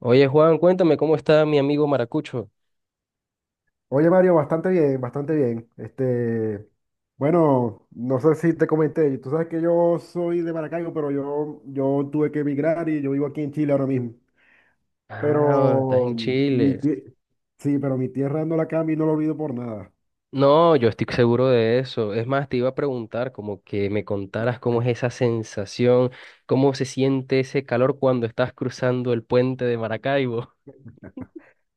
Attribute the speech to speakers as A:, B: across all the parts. A: Oye, Juan, cuéntame cómo está mi amigo Maracucho.
B: Oye, Mario, bastante bien, bastante bien. Bueno, no sé si te comenté, tú sabes que yo soy de Maracaibo, pero yo tuve que emigrar y yo vivo aquí en Chile ahora mismo.
A: Ah, estás
B: Pero
A: en
B: mi
A: Chile.
B: tie- sí, pero mi tierra no la cambio y no la olvido por nada.
A: No, yo estoy seguro de eso. Es más, te iba a preguntar como que me contaras cómo es esa sensación, cómo se siente ese calor cuando estás cruzando el puente de Maracaibo.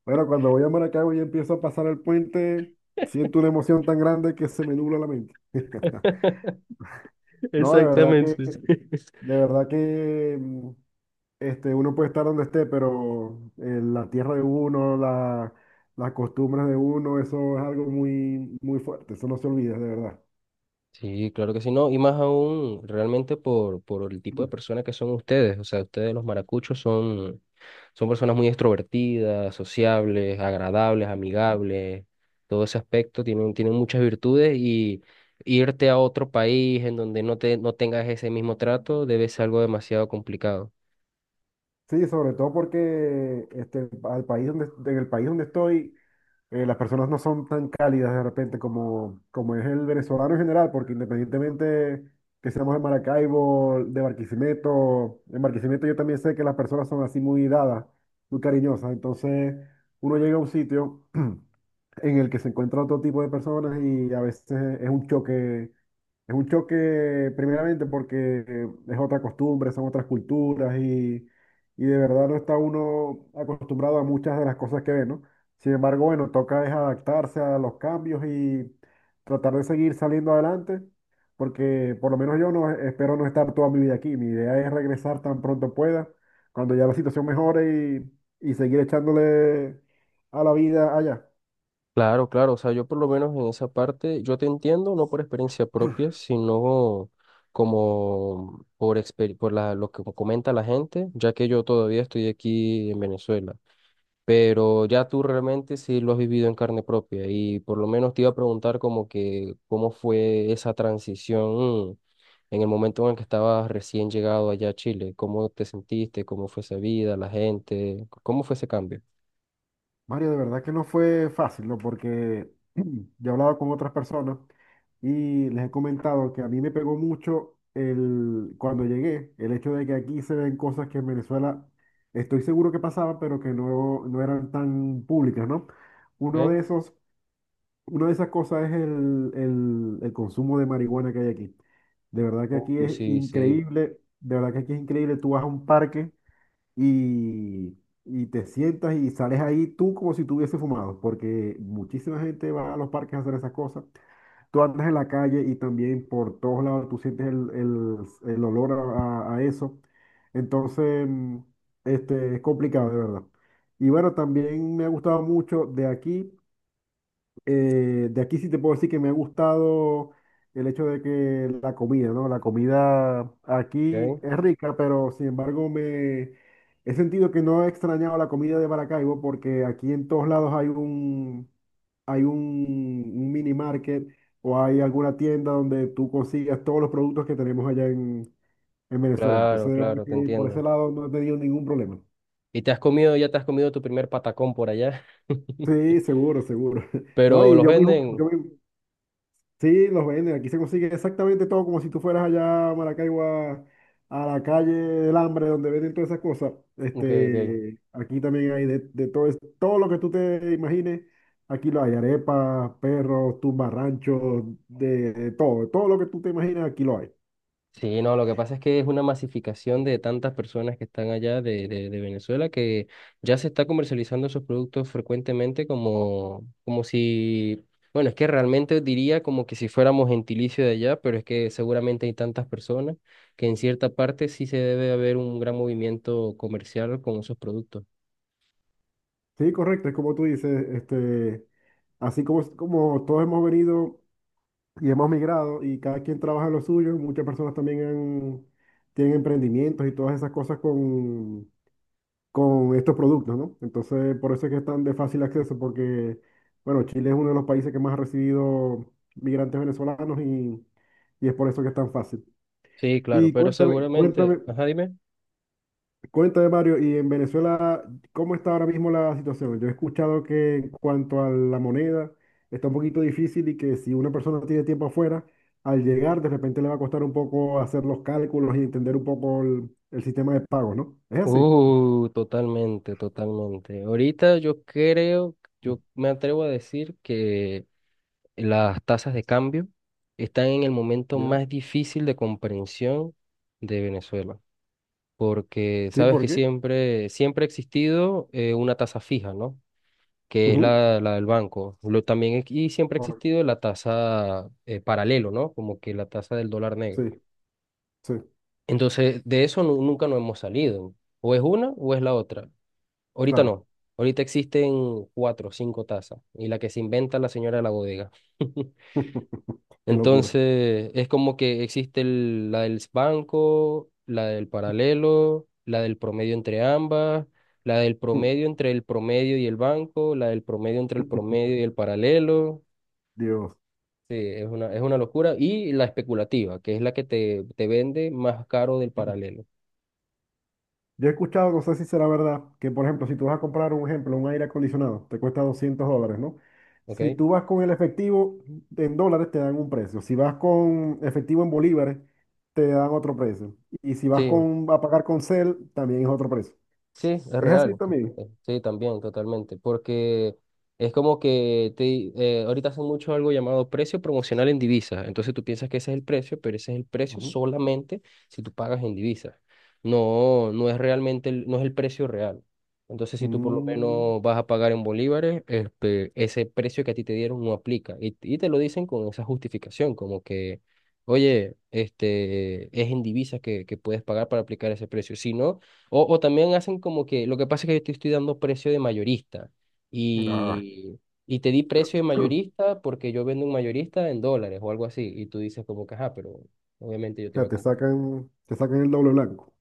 B: Bueno, cuando voy a Maracaibo y empiezo a pasar el puente, siento una emoción tan grande que se me nubla la mente. No,
A: Exactamente.
B: de verdad que Este, Uno puede estar donde esté, pero la tierra de uno, las costumbres de uno, eso es algo muy, muy fuerte, eso no se olvida, de verdad.
A: Sí, claro que sí, no, y más aún realmente por el tipo de
B: Mm.
A: personas que son ustedes, o sea, ustedes los maracuchos son Son personas muy extrovertidas, sociables, agradables, amigables. Todo ese aspecto tienen, tienen muchas virtudes y irte a otro país en donde no te, no tengas ese mismo trato debe ser algo demasiado complicado.
B: Sí, sobre todo porque en el país donde estoy, las personas no son tan cálidas de repente como es el venezolano en general, porque independientemente que seamos de Maracaibo, de Barquisimeto, en Barquisimeto yo también sé que las personas son así muy dadas, muy cariñosas, entonces uno llega a un sitio. En el que se encuentra otro tipo de personas y a veces es un choque primeramente porque es otra costumbre, son otras culturas y de verdad no está uno acostumbrado a muchas de las cosas que ve, ¿no? Sin embargo, bueno, toca es adaptarse a los cambios y tratar de seguir saliendo adelante, porque por lo menos yo no espero no estar toda mi vida aquí. Mi idea es regresar tan pronto pueda, cuando ya la situación mejore y seguir echándole a la vida allá.
A: Claro, claro, o sea, yo por lo menos en esa parte, yo te entiendo, no por experiencia propia, sino como por lo que comenta la gente, ya que yo todavía estoy aquí en Venezuela. Pero ya tú realmente sí lo has vivido en carne propia y por lo menos te iba a preguntar como que cómo fue esa transición en el momento en el que estabas recién llegado allá a Chile, cómo te sentiste, cómo fue esa vida, la gente, cómo fue ese cambio.
B: Mario, de verdad que no fue fácil, ¿no? Porque yo he hablado con otras personas y les he comentado que a mí me pegó mucho cuando llegué, el hecho de que aquí se ven cosas que en Venezuela estoy seguro que pasaban, pero que no, no eran tan públicas, ¿no? Uno de
A: ¿Ok?
B: esos, una de esas cosas es el consumo de marihuana que hay aquí. De verdad que aquí
A: Uy,
B: es
A: sí, sí.
B: increíble, de verdad que aquí es increíble. Tú vas a un parque y, y te sientas y sales ahí tú como si tuviese fumado, porque muchísima gente va a los parques a hacer esas cosas. Tú andas en la calle y también por todos lados tú sientes el olor a eso. Entonces, es complicado, de verdad. Y bueno, también me ha gustado mucho de aquí. De aquí sí te puedo decir que me ha gustado el hecho de que la comida, ¿no? La comida aquí
A: ¿Ok?
B: es rica, pero sin embargo me he sentido que no he extrañado la comida de Maracaibo porque aquí en todos lados hay un mini market o hay alguna tienda donde tú consigas todos los productos que tenemos allá en Venezuela.
A: Claro,
B: Entonces, de verdad
A: claro, te
B: que por ese
A: entiendo.
B: lado no he tenido ningún problema.
A: ¿Y te has comido, ya te has comido tu primer patacón por allá?
B: Sí, seguro, seguro. No,
A: Pero
B: y
A: los
B: yo mismo, yo
A: venden.
B: mismo. Sí, los venden. Aquí se consigue exactamente todo, como si tú fueras allá a Maracaibo a la calle del Hambre, donde venden todas esas cosas.
A: Ok, ok.
B: Aquí también hay de todo, todo lo que tú te imagines. Aquí lo hay, arepas, perros, tumbarranchos, de todo lo que tú te imaginas, aquí lo hay.
A: Sí, no, lo que pasa es que es una masificación de tantas personas que están allá de Venezuela que ya se está comercializando esos productos frecuentemente como, como si, bueno, es que realmente diría como que si fuéramos gentilicio de allá, pero es que seguramente hay tantas personas que en cierta parte sí se debe haber un gran movimiento comercial con esos productos.
B: Sí, correcto, es como tú dices, así como todos hemos venido y hemos migrado y cada quien trabaja en lo suyo, muchas personas tienen emprendimientos y todas esas cosas con estos productos, ¿no? Entonces, por eso es que están de fácil acceso, porque, bueno, Chile es uno de los países que más ha recibido migrantes venezolanos y es por eso que es tan fácil.
A: Sí, claro,
B: Y
A: pero
B: cuéntame,
A: seguramente,
B: cuéntame,
A: ajá, dime.
B: cuéntame, Mario, y en Venezuela, ¿cómo está ahora mismo la situación? Yo he escuchado que en cuanto a la moneda, está un poquito difícil y que si una persona tiene tiempo afuera, al llegar, de repente le va a costar un poco hacer los cálculos y entender un poco el sistema de pago, ¿no? ¿Es así?
A: Totalmente, totalmente. Ahorita yo creo, yo me atrevo a decir que... las tasas de cambio están en el momento
B: ¿Ya?
A: más difícil de comprensión de Venezuela, porque
B: ¿Sí?
A: sabes
B: ¿Por
A: que
B: qué?
A: siempre, siempre ha existido una tasa fija, ¿no? Que es la del banco. Lo, también, y siempre ha
B: ¿Ahora?
A: existido la tasa paralelo, ¿no? Como que la tasa del dólar
B: Sí,
A: negro.
B: sí,
A: Entonces, de eso nunca nos hemos salido. O es una o es la otra. Ahorita
B: claro.
A: no. Ahorita existen cuatro o cinco tasas y la que se inventa la señora de la bodega.
B: Qué locura.
A: Entonces, es como que existe la del banco, la del paralelo, la del promedio entre ambas, la del promedio entre el promedio y el banco, la del promedio entre el promedio y el paralelo.
B: Dios.
A: Sí, es una locura. Y la especulativa, que es la que te vende más caro del paralelo.
B: Yo he escuchado, no sé si será verdad, que por ejemplo, si tú vas a comprar un ejemplo, un aire acondicionado, te cuesta $200, ¿no?
A: ¿Ok?
B: Si tú vas con el efectivo en dólares, te dan un precio. Si vas con efectivo en bolívares, te dan otro precio. Y si vas
A: Sí.
B: con, a pagar con CEL, también es otro precio.
A: Sí, es
B: Es así
A: real.
B: también.
A: Sí, también, totalmente. Porque es como que ahorita hacen mucho algo llamado precio promocional en divisas. Entonces tú piensas que ese es el precio, pero ese es el precio
B: Ujú.
A: solamente si tú pagas en divisas. No, no es realmente, no es el precio real. Entonces, si tú por lo
B: Mm,
A: menos vas a pagar en bolívares, este, ese precio que a ti te dieron no aplica. Y te lo dicen con esa justificación, como que, oye, este, es en divisas que puedes pagar para aplicar ese precio. Si no, o también hacen como que, lo que pasa es que yo te estoy dando precio de mayorista
B: ah.
A: y, y te di precio de mayorista porque yo vendo un mayorista en dólares o algo así. Y tú dices como que, ajá, pero obviamente yo
B: O
A: te
B: sea,
A: iba a comprar.
B: te sacan el doble blanco.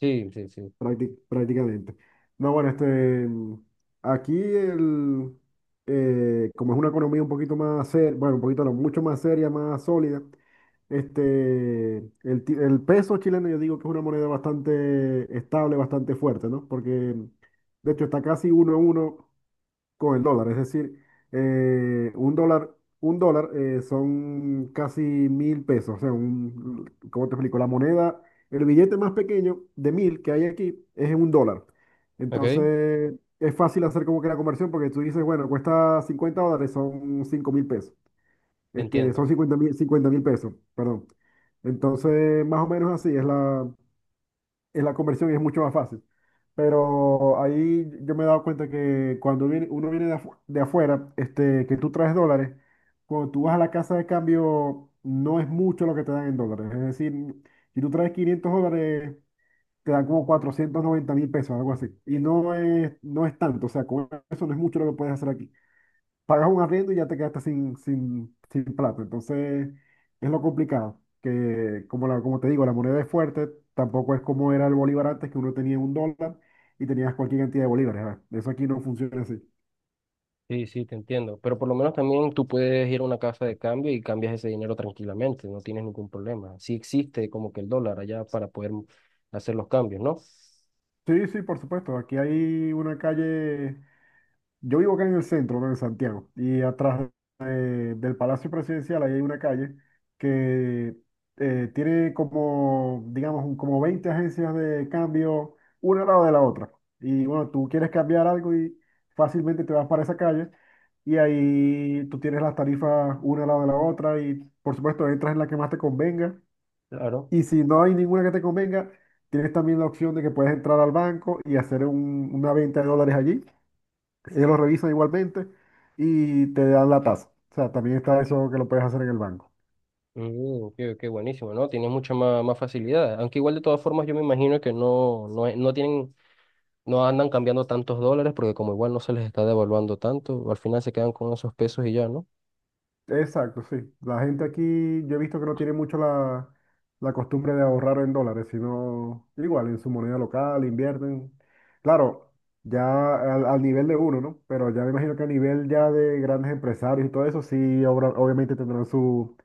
A: Sí, sí, sí.
B: Prácticamente. No, bueno, aquí como es una economía un poquito más seria, bueno, un poquito no, mucho más seria, más sólida, este, el peso chileno yo digo que es una moneda bastante estable, bastante fuerte, ¿no? Porque de hecho está casi uno a uno con el dólar. Es decir, eh, un dólar, un dólar son casi 1.000 pesos. O sea, un, ¿cómo te explico? La moneda, el billete más pequeño de 1.000 que hay aquí es un dólar.
A: Ok, te
B: Entonces, es fácil hacer como que la conversión porque tú dices, bueno, cuesta $50, son 5.000 pesos.
A: entiendo.
B: Son 50.000, 50.000 pesos, perdón. Entonces, más o menos así es la, en la conversión es mucho más fácil. Pero ahí yo me he dado cuenta que cuando viene, uno viene de afuera, que tú traes dólares, cuando tú vas a la casa de cambio, no es mucho lo que te dan en dólares. Es decir, si tú traes $500, te dan como 490.000 pesos, algo así. Y no es tanto, o sea, con eso no es mucho lo que puedes hacer aquí pagas un arriendo y ya te quedaste sin, sin, sin plata. Entonces, es lo complicado, que como, la, como te digo, la moneda es fuerte, tampoco es como era el bolívar antes, que uno tenía un dólar y tenías cualquier cantidad de bolívares. ¿Verdad? Eso aquí no funciona así.
A: Sí, sí, te entiendo. Pero por lo menos también tú puedes ir a una casa de cambio y cambias ese dinero tranquilamente, no tienes ningún problema. Sí existe como que el dólar allá para poder hacer los cambios, ¿no?
B: Sí, sí, por supuesto. Aquí hay una calle. Yo vivo acá en el centro, ¿no? En Santiago, y atrás del Palacio Presidencial ahí hay una calle que tiene como, digamos, como 20 agencias de cambio, una al lado de la otra. Y bueno, tú quieres cambiar algo y fácilmente te vas para esa calle y ahí tú tienes las tarifas una al lado de la otra y por supuesto entras en la que más te convenga.
A: Claro.
B: Y si no hay ninguna que te convenga, tienes también la opción de que puedes entrar al banco y hacer una venta de dólares allí ellos lo revisan igualmente y te dan la tasa. O sea, también está eso que lo puedes hacer en el banco.
A: Mm, ok, ok, buenísimo, ¿no? Tiene mucha más, más facilidad. Aunque igual de todas formas yo me imagino que no, no, no tienen, no andan cambiando tantos dólares porque como igual no se les está devaluando tanto, al final se quedan con esos pesos y ya, ¿no?
B: Exacto, sí. La gente aquí, yo he visto que no tiene mucho la costumbre de ahorrar en dólares, sino igual en su moneda local, invierten. Claro, ya al nivel de uno, ¿no? Pero ya me imagino que a nivel ya de grandes empresarios y todo eso, sí, obviamente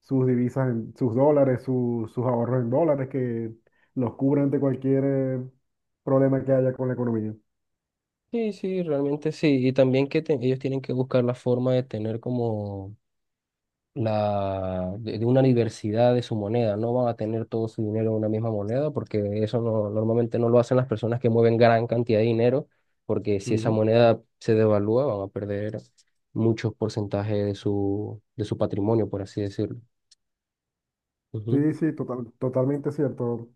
B: sus divisas, en, sus dólares, sus ahorros en dólares que los cubren de cualquier problema que haya con la economía.
A: Sí, sí, realmente sí. Y también que ellos tienen que buscar la forma de tener como de una diversidad de su moneda. No van a tener todo su dinero en una misma moneda porque eso no, normalmente no lo hacen las personas que mueven gran cantidad de dinero porque si esa
B: Ujú.
A: moneda se devalúa van a perder muchos porcentajes de de su patrimonio, por así decirlo. Ujú.
B: Sí, sí, totalmente cierto,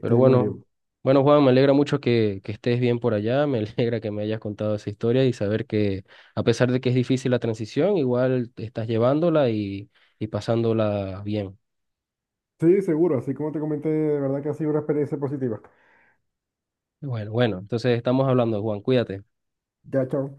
A: Pero bueno,
B: Mario.
A: bueno Juan, me alegra mucho que estés bien por allá, me alegra que me hayas contado esa historia y saber que a pesar de que es difícil la transición, igual te estás llevándola y pasándola bien.
B: Sí, seguro, así como te comenté, de verdad que ha sido una experiencia positiva.
A: Bueno, bueno, entonces estamos hablando, Juan, cuídate.
B: Ya, chao.